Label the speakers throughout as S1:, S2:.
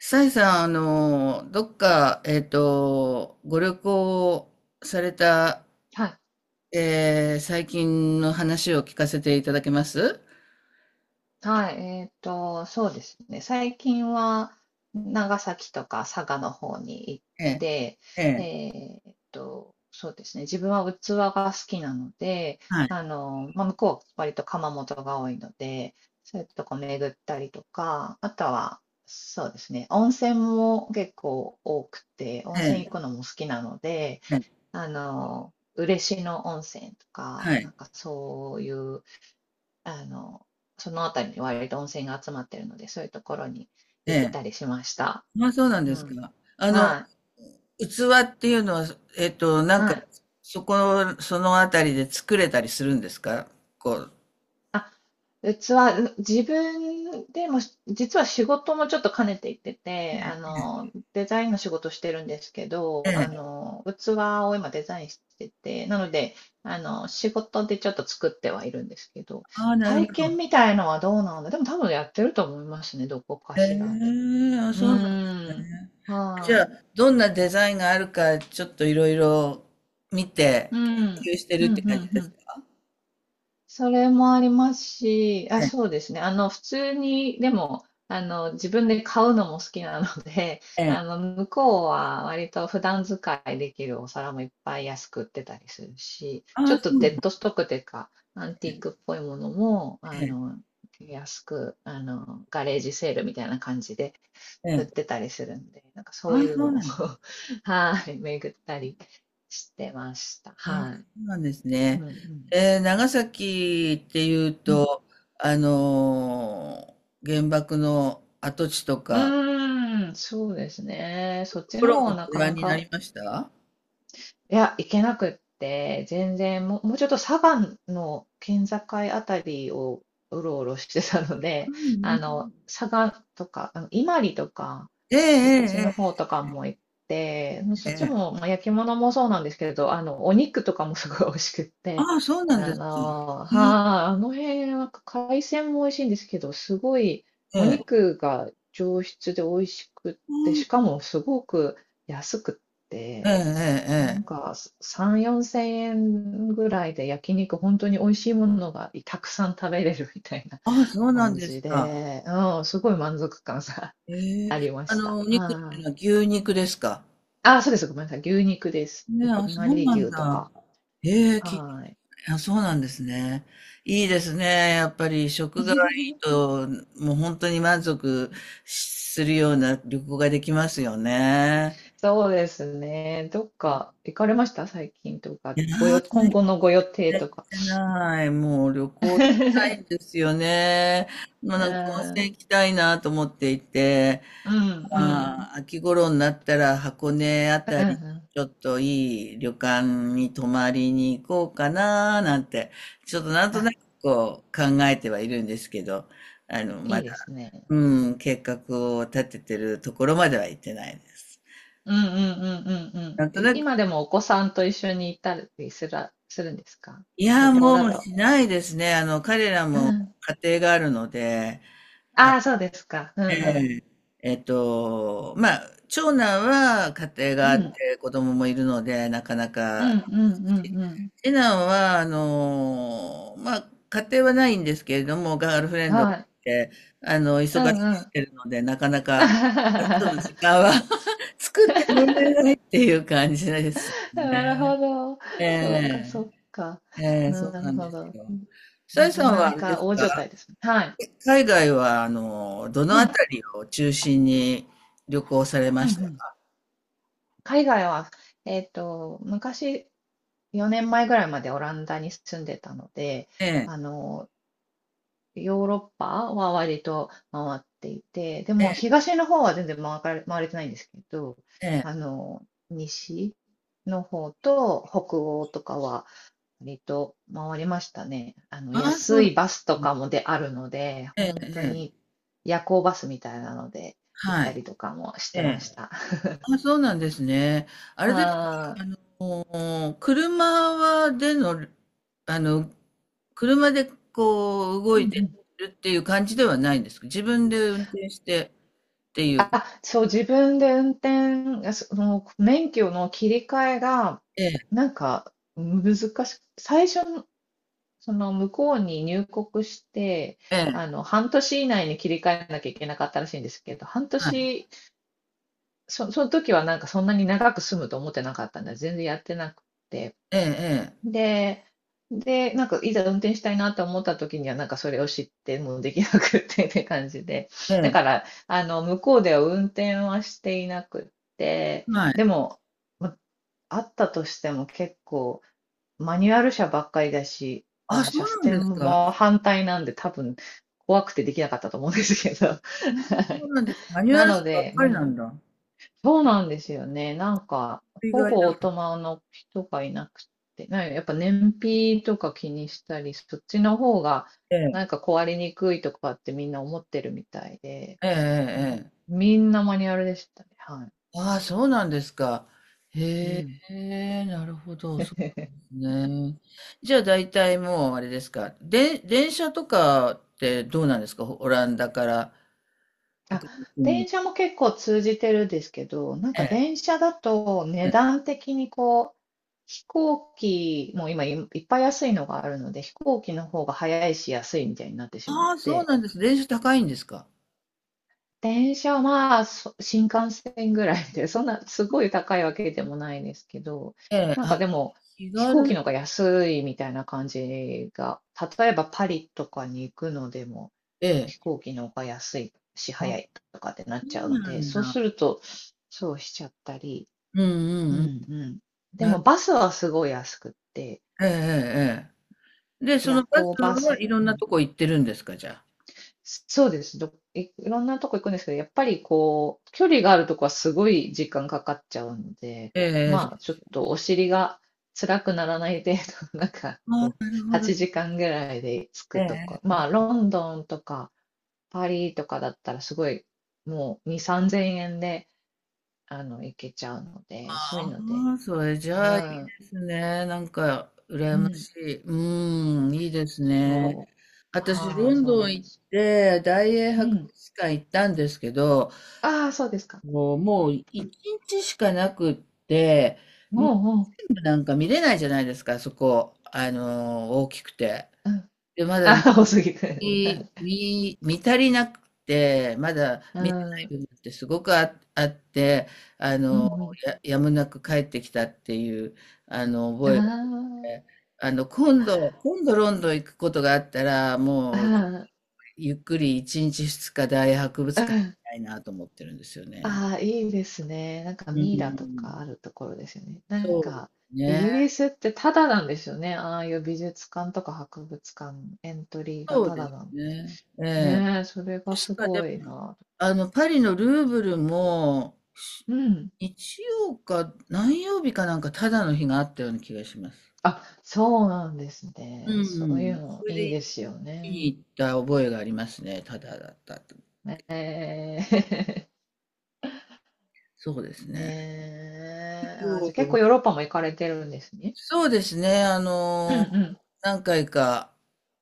S1: サイさん、どっか、ご旅行された、
S2: はい。
S1: 最近の話を聞かせていただけます？
S2: はい。そうですね。最近は長崎とか佐賀の方に行っ
S1: ええ、
S2: て、
S1: ええ、
S2: えそうですね。自分は器が好きなので、
S1: はい、
S2: 向こうは割と窯元が多いので、そういうとこ巡ったりとか、あとは、そうですね。温泉も結構多くて、温
S1: え
S2: 泉行く
S1: え、
S2: のも好きなので、
S1: ええ、
S2: 嬉野温泉と
S1: は
S2: か、な
S1: い、
S2: んかそういうあの、その辺りに割と温泉が集まってるので、そういうところに
S1: え
S2: 行っ
S1: え。
S2: たりしました。
S1: まあ、そうなんで
S2: う
S1: す
S2: ん。
S1: か。
S2: はい。
S1: 器っていうのは、えっと、なん
S2: は
S1: か、
S2: い。
S1: そこ、そのあたりで作れたりするんですかこう？
S2: あ、器、自分でも、実は仕事もちょっと兼ねていってて、デザインの仕事してるんですけ
S1: え
S2: ど、
S1: え。
S2: 器を今デザインしてて、なので、仕事でちょっと作ってはいるんですけど、
S1: ああ、なる
S2: 体
S1: ほ
S2: 験
S1: ど。
S2: みたいのはどうなんだ。でも多分やってると思いますね、どこか
S1: え
S2: しらで。
S1: え、あ、
S2: う
S1: そうなんです
S2: ーん。
S1: ね。じゃ
S2: は
S1: あ、
S2: い。
S1: どんなデザインがあるか、ちょっといろいろ見
S2: う
S1: て、研
S2: ん。
S1: 究してる
S2: う
S1: っ
S2: ん、う
S1: て感じ
S2: ん、
S1: で
S2: う
S1: すか？
S2: ん。それもありますし、あ、
S1: え
S2: そ
S1: え。
S2: うですね。普通に、でも、自分で買うのも好きなので、
S1: え え。
S2: 向こうは割と普段使いできるお皿もいっぱい安く売ってたりするし、
S1: あ
S2: ちょ
S1: あ、
S2: っ
S1: そ
S2: と
S1: うな
S2: デ
S1: ん
S2: ッ
S1: だ。
S2: ドストックというか、アンティークっぽいものも、
S1: ええ。
S2: 安く、ガレージセールみたいな感じで
S1: え
S2: 売っ
S1: え。
S2: てたりするんで、なんかそう
S1: あ
S2: い
S1: あ、
S2: う
S1: そう
S2: のを
S1: なんです。
S2: はい、巡ったりしてました。
S1: ああ、そ
S2: はい。
S1: うなんですね。
S2: うん、うん。
S1: 長崎っていう
S2: うん、
S1: と、あのー原爆の跡地とか、
S2: うーん、そうですね。そっ
S1: と
S2: ち
S1: こ
S2: の
S1: ろ
S2: 方が
S1: も
S2: な
S1: ご
S2: か
S1: 覧
S2: な
S1: にな
S2: か、
S1: りました？
S2: いや、行けなくって、全然、もうちょっと佐賀の県境あたりをうろうろしてたの
S1: う
S2: で、
S1: んうん うん、
S2: 佐賀とか、伊万里とか、
S1: ええ、
S2: そっちの
S1: え
S2: 方
S1: え、
S2: とかも行って、
S1: え
S2: そ
S1: え、
S2: っち
S1: ええ。
S2: も、まあ、焼き物もそうなんですけれど、お肉とかもすごい美味しくって、
S1: ああ、そうなんですか。
S2: はい、
S1: え
S2: あの辺は海鮮も美味しいんですけど、すごい
S1: え、
S2: お
S1: ええ。
S2: 肉が上質で美味しくって、しかもすごく安くっ
S1: ええ、
S2: て、
S1: え
S2: な
S1: え、え
S2: ん
S1: え。
S2: か3、4千円ぐらいで焼肉、本当に美味しいものがたくさん食べれるみたいな
S1: ああ、そうなん
S2: 感
S1: で
S2: じ
S1: すか。
S2: で、うん、すごい満足感さ、
S1: ええ、
S2: ありました。
S1: お肉ってい
S2: は
S1: うの
S2: い。
S1: は牛肉ですか。
S2: あ、そうです。ごめんなさい。牛肉です。
S1: ね、
S2: ひ
S1: あ、そ
S2: ま
S1: う
S2: り
S1: なん
S2: 牛と
S1: だ。
S2: か。
S1: ええ、聞いて、
S2: はい。
S1: あ、そうなんですね。いいですね。やっぱり食がいい と、もう本当に満足するような旅行ができますよね。
S2: そうですね。どっか行かれました最近とか？
S1: いやー、最
S2: 今後のご予定
S1: 近行っ
S2: とか？
S1: てない。もう旅行行きたいんで すよね。もう
S2: うん、
S1: なんか温
S2: うん、
S1: 泉行きたいなと思っていて、
S2: うん、うん、
S1: まあ、秋頃になったら箱根あ
S2: う
S1: たり、
S2: ん。
S1: ちょっといい旅館に泊まりに行こうかななんて、ちょっとなんと
S2: あ、
S1: なくこう考えてはいるんですけど、
S2: い
S1: ま
S2: い
S1: だ、
S2: ですね。
S1: うん、計画を立ててるところまでは行ってないです。
S2: うんうんうんうんうん。
S1: なんとなく、
S2: 今でもお子さんと一緒に行ったりするんですか？
S1: いや、
S2: 旅行
S1: も
S2: だ
S1: う
S2: と。
S1: しないですね。彼ら
S2: う
S1: も
S2: ん。
S1: 家庭があるので、
S2: ああ、そうですか。うんう
S1: え
S2: ん。
S1: え、まあ、長男は家庭が
S2: う
S1: あっ
S2: ん。
S1: て子供もいるので、なかな
S2: うんう
S1: か
S2: んうんうん。
S1: 次男は、まあ、家庭はないんですけれども、ガールフレンドが
S2: は
S1: い
S2: い。
S1: て、
S2: う
S1: 忙
S2: ん
S1: しく
S2: う
S1: し
S2: ん。
S1: てるので、なかなか、その時 間は 作ってもらえないっていう感じです。
S2: なるほど。
S1: え
S2: そっかそ
S1: え、
S2: っか。
S1: ええ、そう
S2: なる
S1: なんで
S2: ほ
S1: す
S2: ど。
S1: よ。さ
S2: な
S1: え
S2: か
S1: さんはあ
S2: な
S1: れで
S2: か
S1: す
S2: 大所
S1: か、
S2: 帯ですね。はい。
S1: 海外は、どの
S2: う
S1: あ
S2: ん。
S1: たりを中心に旅行されま
S2: うんう
S1: した
S2: ん。
S1: か？
S2: 海外は、昔、4年前ぐらいまでオランダに住んでたので、
S1: ええ、
S2: あの、ヨーロッパは割と回っていて、で
S1: え
S2: も
S1: え、
S2: 東の方は全然回れてないんですけど、
S1: ええ。
S2: 西の方と北欧とかは割と回りましたね。
S1: ああ、そう
S2: 安
S1: なん
S2: い
S1: で
S2: バス
S1: す
S2: と
S1: ね。
S2: かもであるので、
S1: ええ、
S2: 本当
S1: え
S2: に
S1: え、
S2: 夜行バスみたいなので行っ
S1: は
S2: た
S1: い。
S2: りとかもし
S1: え
S2: てまし
S1: え、
S2: た。
S1: あ、そうなんですね。あれ
S2: あ
S1: ですか、
S2: ー
S1: あの、車はでの、あの、車でこう動
S2: うんう
S1: いて
S2: ん、
S1: るっていう感じではないんですか、自分で運転してっていう？
S2: そう、自分で運転、その免許の切り替えが、
S1: ええ、
S2: なんか難しく、その向こうに入国して、
S1: ええ、
S2: 半年以内に切り替えなきゃいけなかったらしいんですけど、半
S1: はい、
S2: 年、その時はなんかそんなに長く住むと思ってなかったんで、全然やってなくて。
S1: ええ、え
S2: で、で、なんかいざ運転したいなと思った時には、なんかそれを知ってもうできなくって って感じで。だ
S1: え、
S2: か
S1: ええ、
S2: ら、向こうでは運転はしていなくって、
S1: はい。
S2: でも、まあったとしても結構、マニュアル車ばっかりだし、
S1: あ、そ
S2: 車
S1: うなんで
S2: 線
S1: すか。
S2: も反対なんで多分怖くてできなかったと思うんですけど。
S1: 本当にそうな んです。マニュア
S2: な
S1: ル
S2: の
S1: 車ばっ
S2: で、う
S1: かりな
S2: ん。
S1: んだ。
S2: そうなんですよね。なんか、
S1: 意
S2: ほ
S1: 外
S2: ぼオー
S1: だ。
S2: トマの人がいなくて、なんかやっぱ燃費とか気にしたり、そっちの方が
S1: ええ、
S2: なんか壊れにくいとかってみんな思ってるみたいで、
S1: ええ、
S2: うん。
S1: ええ。ええ、
S2: みんなマニュアルでしたね。はい。
S1: ああ、そうなんですか。
S2: う
S1: へ
S2: ん。
S1: え、なるほど。そ うなんですね。じゃあ大体もうあれですか。で、電車とかってどうなんですか、オランダから
S2: あ、
S1: 北陸
S2: 電
S1: に？
S2: 車も結構通じてるんですけど、なん
S1: え
S2: か
S1: え。
S2: 電車だと値
S1: ええ、
S2: 段的にこう、飛行機も今いっぱい安いのがあるので、飛行機の方が早いし安いみたいになってしまっ
S1: ああ、そう
S2: て、
S1: なんです。電車高いんですか？
S2: 電車は、新幹線ぐらいで、そんなすごい高いわけでもないですけど、
S1: ええ。
S2: なん
S1: あ、
S2: かでも、
S1: 気
S2: 飛行
S1: 軽。
S2: 機の方が安いみたいな感じが、例えばパリとかに行くのでも、
S1: ええ。
S2: 飛行機の方が安いし、
S1: あ、
S2: 早
S1: そ
S2: いとかってなっちゃう
S1: う
S2: ん
S1: な
S2: で、
S1: ん
S2: そう
S1: だ。
S2: すると、そうしちゃったり、
S1: うんう
S2: う
S1: んうん。
S2: んうん。で
S1: な、
S2: もバスはすごい安くって、
S1: ええ、ええ。ええで、その
S2: 夜
S1: バス
S2: 行バ
S1: は
S2: ス、
S1: いろん
S2: う
S1: な
S2: ん、
S1: とこ行ってるんですか、じゃあ？
S2: そうです。いろんなとこ行くんですけど、やっぱりこう、距離があるとこはすごい時間かかっちゃうので、
S1: え
S2: まあ、
S1: え。
S2: ちょっとお尻が辛くならない程度、なんか
S1: ああ、
S2: こう、
S1: なるほど。
S2: 8時間ぐらいで着
S1: え
S2: くとか、
S1: え。
S2: まあ、ロンドンとかパリとかだったらすごい、もう2、3000円で、行けちゃうので、そういう
S1: あ
S2: ので、
S1: あ、それじ
S2: う
S1: ゃあいい
S2: ん、
S1: ですね。なんか、
S2: う
S1: 羨ま
S2: ん、
S1: しい。うん、いいですね。
S2: そう、
S1: 私、ロ
S2: はい、
S1: ン
S2: そう
S1: ド
S2: な
S1: ン
S2: んで
S1: 行っ
S2: す。
S1: て、大英
S2: う
S1: 博
S2: ん、
S1: 物館行ったんですけど、
S2: ああ、そうですか。
S1: もう、もう一日しかなくって、うん、
S2: もう、も
S1: 全部なんか見れないじゃないですか、そこ。大きくて。
S2: う、うん、
S1: で、まだ
S2: あ
S1: 見
S2: あ、多すぎて。
S1: 見見足りなくて、まだ
S2: う
S1: 見てな
S2: ん、
S1: い
S2: うん
S1: 部分ってすごくあって、あ
S2: う
S1: の、
S2: ん。
S1: やむなく帰ってきたっていう、あの、覚
S2: あ
S1: えで、今度ロンドン行くことがあったら、
S2: あ、
S1: もう、
S2: あ
S1: ゆっくり1日2日大博物
S2: あ、う
S1: 館行
S2: ん。
S1: きたいなと思ってるんですよね。
S2: ああ、いいですね。なんか
S1: う
S2: ミイラとか
S1: ん、
S2: あるところですよね。なん
S1: そうで
S2: か、
S1: す
S2: イ
S1: ね。
S2: ギリスってタダなんですよね。ああいう美術館とか博物館、エントリーが
S1: そう
S2: タ
S1: で
S2: ダ
S1: す
S2: なんで。
S1: ね。ええ、
S2: ねえ、それがす
S1: 確かで
S2: ごい
S1: も、
S2: な。
S1: パリのルーブルも、
S2: うん。
S1: 日曜か何曜日かなんかただの日があったような気がします。
S2: あ、そうなんですね。
S1: う
S2: そういう
S1: ん。
S2: の
S1: それ
S2: いい
S1: で
S2: ですよ
S1: 見に
S2: ね。
S1: 行った覚えがありますね。ただだったと。
S2: ねえ。
S1: そうです ね。
S2: ねえ。あ、じ
S1: そ
S2: ゃあ結構
S1: う
S2: ヨーロッパも行かれてるんですね。
S1: そうですね。
S2: うんうん。
S1: 何回か、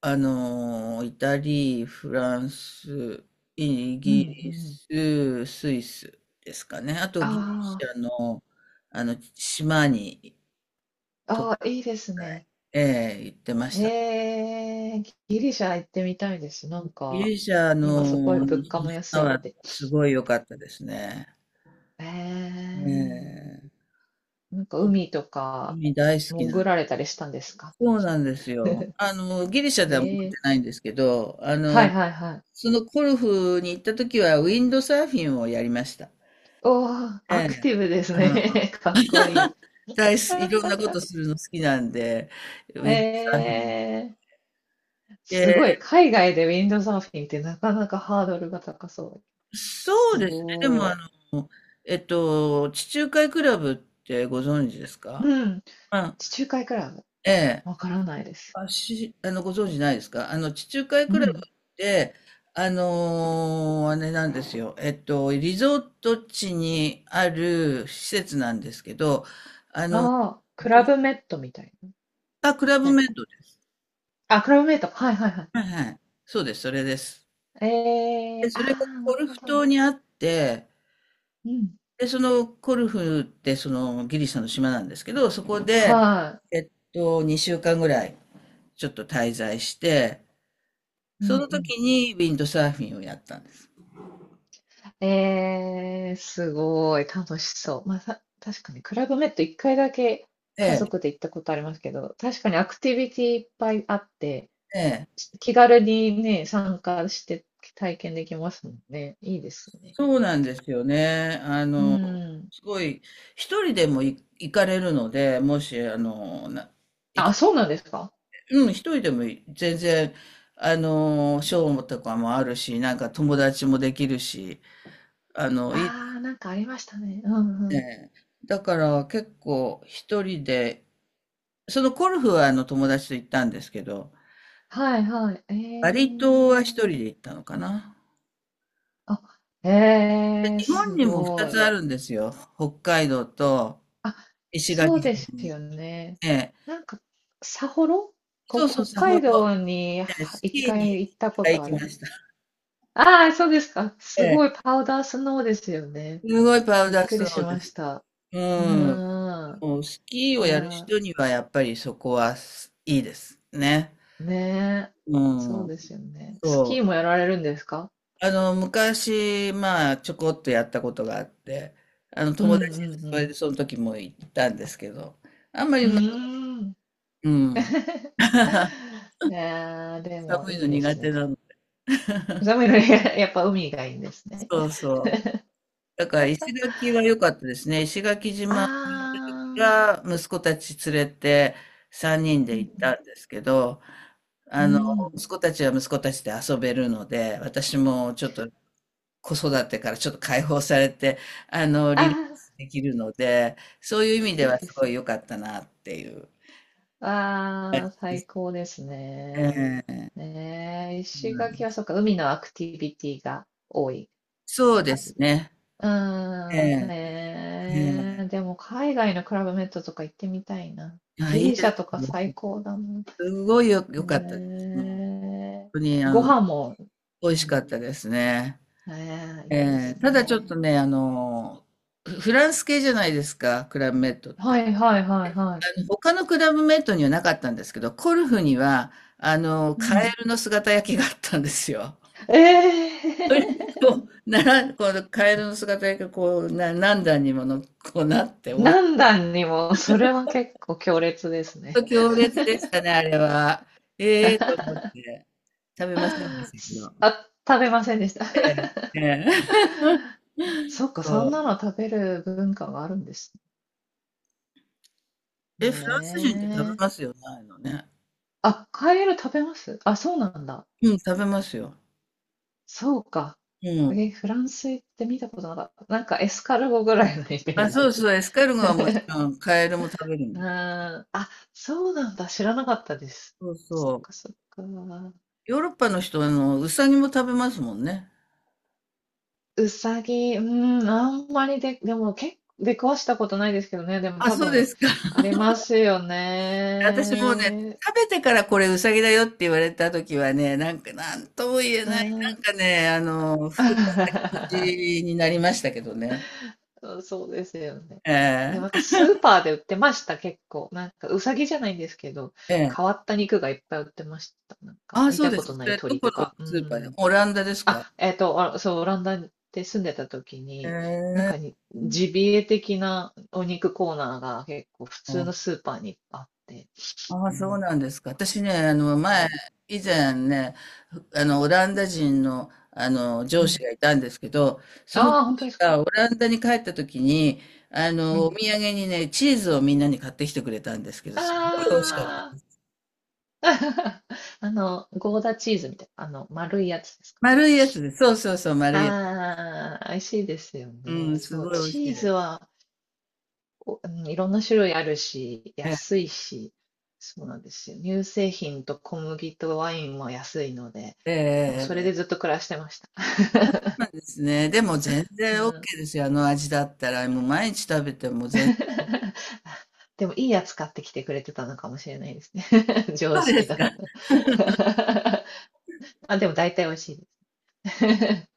S1: イタリー、フランス、イ
S2: うん
S1: ギ
S2: う
S1: リ
S2: ん。
S1: ス、スイスですかね。あとギリシ
S2: あ
S1: ャの、あの島に、
S2: あ、ああ、いいですね。
S1: ええ、行ってました。
S2: ええギリシャ行ってみたいです。なん
S1: ギ
S2: か、
S1: リシャ
S2: 今すごい
S1: の
S2: 物価も安
S1: 島
S2: いっ
S1: は
S2: て。
S1: すごい良かったですね。
S2: え
S1: え
S2: え
S1: え、
S2: なんか
S1: 本
S2: 海と
S1: 当
S2: か
S1: に大好き
S2: 潜
S1: な。
S2: られたりしたんですか？
S1: そうなんですよ。ギリシャでは持って
S2: え
S1: な
S2: え
S1: いんですけど、あ
S2: はい
S1: の、
S2: はいはい。
S1: そのコルフに行った時はウィンドサーフィンをやりました。
S2: おお、
S1: え
S2: アク
S1: え、
S2: ティブです
S1: あの、
S2: ね。かっこいい。
S1: 大好き、いろんなことするの好きなんで、ウィンドサーフィン。
S2: ええす
S1: で、
S2: ごい。海外でウィンドサーフィンってなかなかハードルが高そう。す
S1: そうですね。でも、
S2: ごい。
S1: の、地中海クラブってご存知ですか？
S2: うん。
S1: うん。
S2: 地中海クラブ。
S1: ええ。
S2: わからないです。
S1: あ、し、あの、ご存知ないですか、あの、地中海
S2: う
S1: クラブっ
S2: ん。
S1: て、あれなんですよ。えっと、リゾート地にある施設なんですけど、
S2: ああ、クラブメットみたいな。違
S1: あ、クラブ
S2: う
S1: メイ
S2: か。
S1: ドです。
S2: あ、クラブメット。はいはいはい。
S1: はいはい。そうです、それです。
S2: え
S1: で、
S2: えあ
S1: それが
S2: あ、な
S1: コ
S2: る
S1: ル
S2: ほ
S1: フ
S2: ど。
S1: 島にあって、
S2: うん。
S1: で、そのコルフってそのギリシャの島なんですけど、そこで、
S2: は
S1: えっと、2週間ぐらいちょっと滞在して、
S2: い。う
S1: そ
S2: ん
S1: の
S2: うん。
S1: 時にウィンドサーフィンをやったんです。
S2: ええすごい。楽しそう。まあ、確かに、クラブメット一回だけ家
S1: え
S2: 族で行ったことありますけど、確かにアクティビティいっぱいあって、
S1: え、え、
S2: 気軽にね、参加して体験できますもんね。いいですね。
S1: そうなんですよね。
S2: うん。
S1: すごい、一人でも行かれるので、もし、あの、な、行
S2: あ、
S1: き、
S2: そうなんですか？
S1: うん、一人でも全然、ショーとかもあるし、なんか友達もできるし、あの、いいで
S2: ああ
S1: す
S2: ー、なんかありましたね。うんうん。
S1: ね。だから結構一人で、そのゴルフはあの友達と行ったんですけど、
S2: はいはい。
S1: バリ島は一
S2: ー、
S1: 人で行ったのかな。
S2: あ、
S1: 日本
S2: す
S1: にも二
S2: ごい。
S1: つあるんですよ。北海道と
S2: あ、
S1: 石
S2: そう
S1: 垣
S2: で
S1: 島
S2: す
S1: に。
S2: よね。
S1: ええ、
S2: なんか、札幌
S1: そ
S2: こ、
S1: うそう、
S2: 北
S1: さほ
S2: 海
S1: ど。
S2: 道には
S1: ええ、ス
S2: 一
S1: キーにいっ
S2: 回行ったこ
S1: かい行
S2: とあ
S1: きま
S2: りま
S1: し
S2: す。
S1: た。
S2: ああ、そうですか。
S1: え
S2: す
S1: え、
S2: ごいパウダースノーですよね。
S1: すごいパウ
S2: びっ
S1: ダー
S2: く
S1: ス
S2: り
S1: ノ
S2: し
S1: ーで
S2: ま
S1: す。
S2: した。
S1: う
S2: う
S1: ん。
S2: ーん。
S1: もうスキー
S2: い
S1: をやる
S2: や
S1: 人にはやっぱりそこはすいいですね。
S2: ー、ねえ。
S1: う
S2: そう
S1: ん。
S2: ですよね。スキ
S1: そ
S2: ーも
S1: う。
S2: やられるんですか？
S1: 昔、まあ、ちょこっとやったことがあって、あの、
S2: うんう
S1: 友達とそれで
S2: ん
S1: その時も行ったんですけど、あんまり
S2: う
S1: うまく
S2: ん。うーん。
S1: うん。
S2: いやー、でも
S1: 寒い
S2: い
S1: の
S2: いで
S1: 苦
S2: すね。
S1: 手なの。
S2: 寒いのに やっぱ海がいいんですね。
S1: そうそう。だから石垣は良かったですね。石垣
S2: あ
S1: 島
S2: ー、
S1: が息子たち連れて3人
S2: う
S1: で行っ
S2: ん
S1: たんですけど、
S2: う
S1: あ
S2: ん、
S1: の、
S2: うん。
S1: 息子たちは息子たちで遊べるので、私もちょっと子育てからちょっと解放されて、
S2: あ
S1: リラックスできるので、そういう
S2: ー、
S1: 意
S2: い
S1: 味で
S2: い
S1: は
S2: で
S1: すご
S2: す
S1: い
S2: ね。
S1: 良かったなっていう。
S2: あー、最高ですね。
S1: ええ、
S2: ねえ、
S1: う
S2: 石垣
S1: ん、
S2: はそっか、海のアクティビティが多い
S1: そう
S2: 感
S1: です
S2: じ。
S1: ね。
S2: う
S1: え
S2: ーん、
S1: え、え
S2: ねえ、でも海外のクラブメットとか行ってみたいな。
S1: え、あ、
S2: ギ
S1: いい
S2: リ
S1: で
S2: シ
S1: す
S2: ャとか
S1: よ。
S2: 最高だな。
S1: すごいよ、
S2: へ
S1: 良かったです。もう、本
S2: え。
S1: 当に、
S2: ご飯も、
S1: 美
S2: う
S1: 味しか
S2: ん。
S1: ったですね。
S2: ええ、いいで
S1: ええ、
S2: す
S1: ただち
S2: ね。
S1: ょっとね、フランス系じゃないですか、クラブメイトっ
S2: は
S1: て。
S2: いはいはいは
S1: あの、他のクラブメイトにはなかったんですけど、コルフには、あの、
S2: い。う
S1: カエ
S2: ん。
S1: ルの姿焼きがあったんですよ。
S2: ええ。
S1: こう、なら、このカエルの姿焼きがこう、何段にもの、こうなって、おい、
S2: 何段にも、それは結構強烈ですね。
S1: 強烈でしたね、あれは。ええと思って、食べませんでしたけど。
S2: あ、食べませんでした。
S1: ええ、ええ。
S2: そっ か、そ
S1: そ
S2: んな
S1: う。
S2: の食べる文化があるんです
S1: え、フランス人って食べ
S2: ね。
S1: ますよね、ああいうのね。
S2: あ、カエル食べます？あ、そうなんだ。
S1: うん、食べますよ。
S2: そうか。
S1: うん。
S2: え、フランス行って見たことなかった。なんかエスカルゴぐらいのイメー
S1: あ、
S2: ジ
S1: そ
S2: で
S1: う
S2: し
S1: そう、
S2: た。
S1: エスカルゴはもちろん、カエルも食べるん
S2: う
S1: です。
S2: ーん。あ、そうなんだ。知らなかったです。
S1: そう
S2: そっ
S1: そう。
S2: かそっか。
S1: ヨーロッパの人は、ウサギも食べますもんね。
S2: うさぎ、うーん、あんまりで、でも結構出くわしたことないですけどね。でも
S1: あ、
S2: 多
S1: そうで
S2: 分、
S1: すか。
S2: ありますよ
S1: 私もうね、
S2: ね。
S1: 食べてからこれウサギだよって言われた時はね、なんか、なんとも言え
S2: う
S1: ない、な
S2: ん。
S1: んかね、腹持 ちになりましたけどね。
S2: そうですよね。でも
S1: え
S2: なんか
S1: え、
S2: スーパーで売ってました、結構。なんかうさぎじゃないんですけど、
S1: え
S2: 変わ
S1: え。
S2: った肉がいっぱい売ってました。なんか
S1: あ、
S2: 見
S1: そう
S2: た
S1: で
S2: こ
S1: す。
S2: と
S1: そ
S2: ない
S1: れ、ど
S2: 鳥
S1: こ
S2: と
S1: の
S2: か。う
S1: スーパーで、
S2: ん。
S1: オランダですか？
S2: あ、あそう、オランダで住んでた時
S1: え
S2: に、
S1: え。
S2: ジビエ的なお肉コーナーが結構普通のスーパーにあって、
S1: ああ、
S2: う
S1: そう
S2: ん。
S1: なんですか。私ね、
S2: うん。
S1: 以前ね、オランダ人の、あの、
S2: う
S1: 上司
S2: ん。
S1: がいたんですけど、その上
S2: ああ、本当で
S1: 司
S2: すか？
S1: がオランダに帰った時に、
S2: う
S1: お
S2: ん。
S1: 土産にね、チーズをみんなに買ってきてくれたんですけど、
S2: あ
S1: すごい美味しかっ
S2: あ。
S1: た。
S2: ゴーダチーズみたいな、丸いやつですか？
S1: 丸いやつです。そうそうそう、丸いやつ。
S2: ああ、美味しいですよ
S1: う
S2: ね。
S1: ん、す
S2: そう、
S1: ごい美味
S2: チ
S1: しい
S2: ーズ
S1: です。
S2: は、うん、いろんな種類あるし、
S1: ええ、
S2: 安いし、そうなんですよ。乳製品と小麦とワインも安いので、
S1: え
S2: もうそれ
S1: え、え
S2: でず
S1: え、
S2: っと暮らしてました。
S1: まあですね。でも全
S2: う
S1: 然 OK
S2: ん。
S1: ですよ。あの味だったら、もう毎日食べても全然
S2: でもいいやつ買ってきてくれてたのかもしれないですね。上
S1: そうで
S2: 司
S1: す
S2: だ
S1: か。
S2: と。あ、でも大体美味しいです。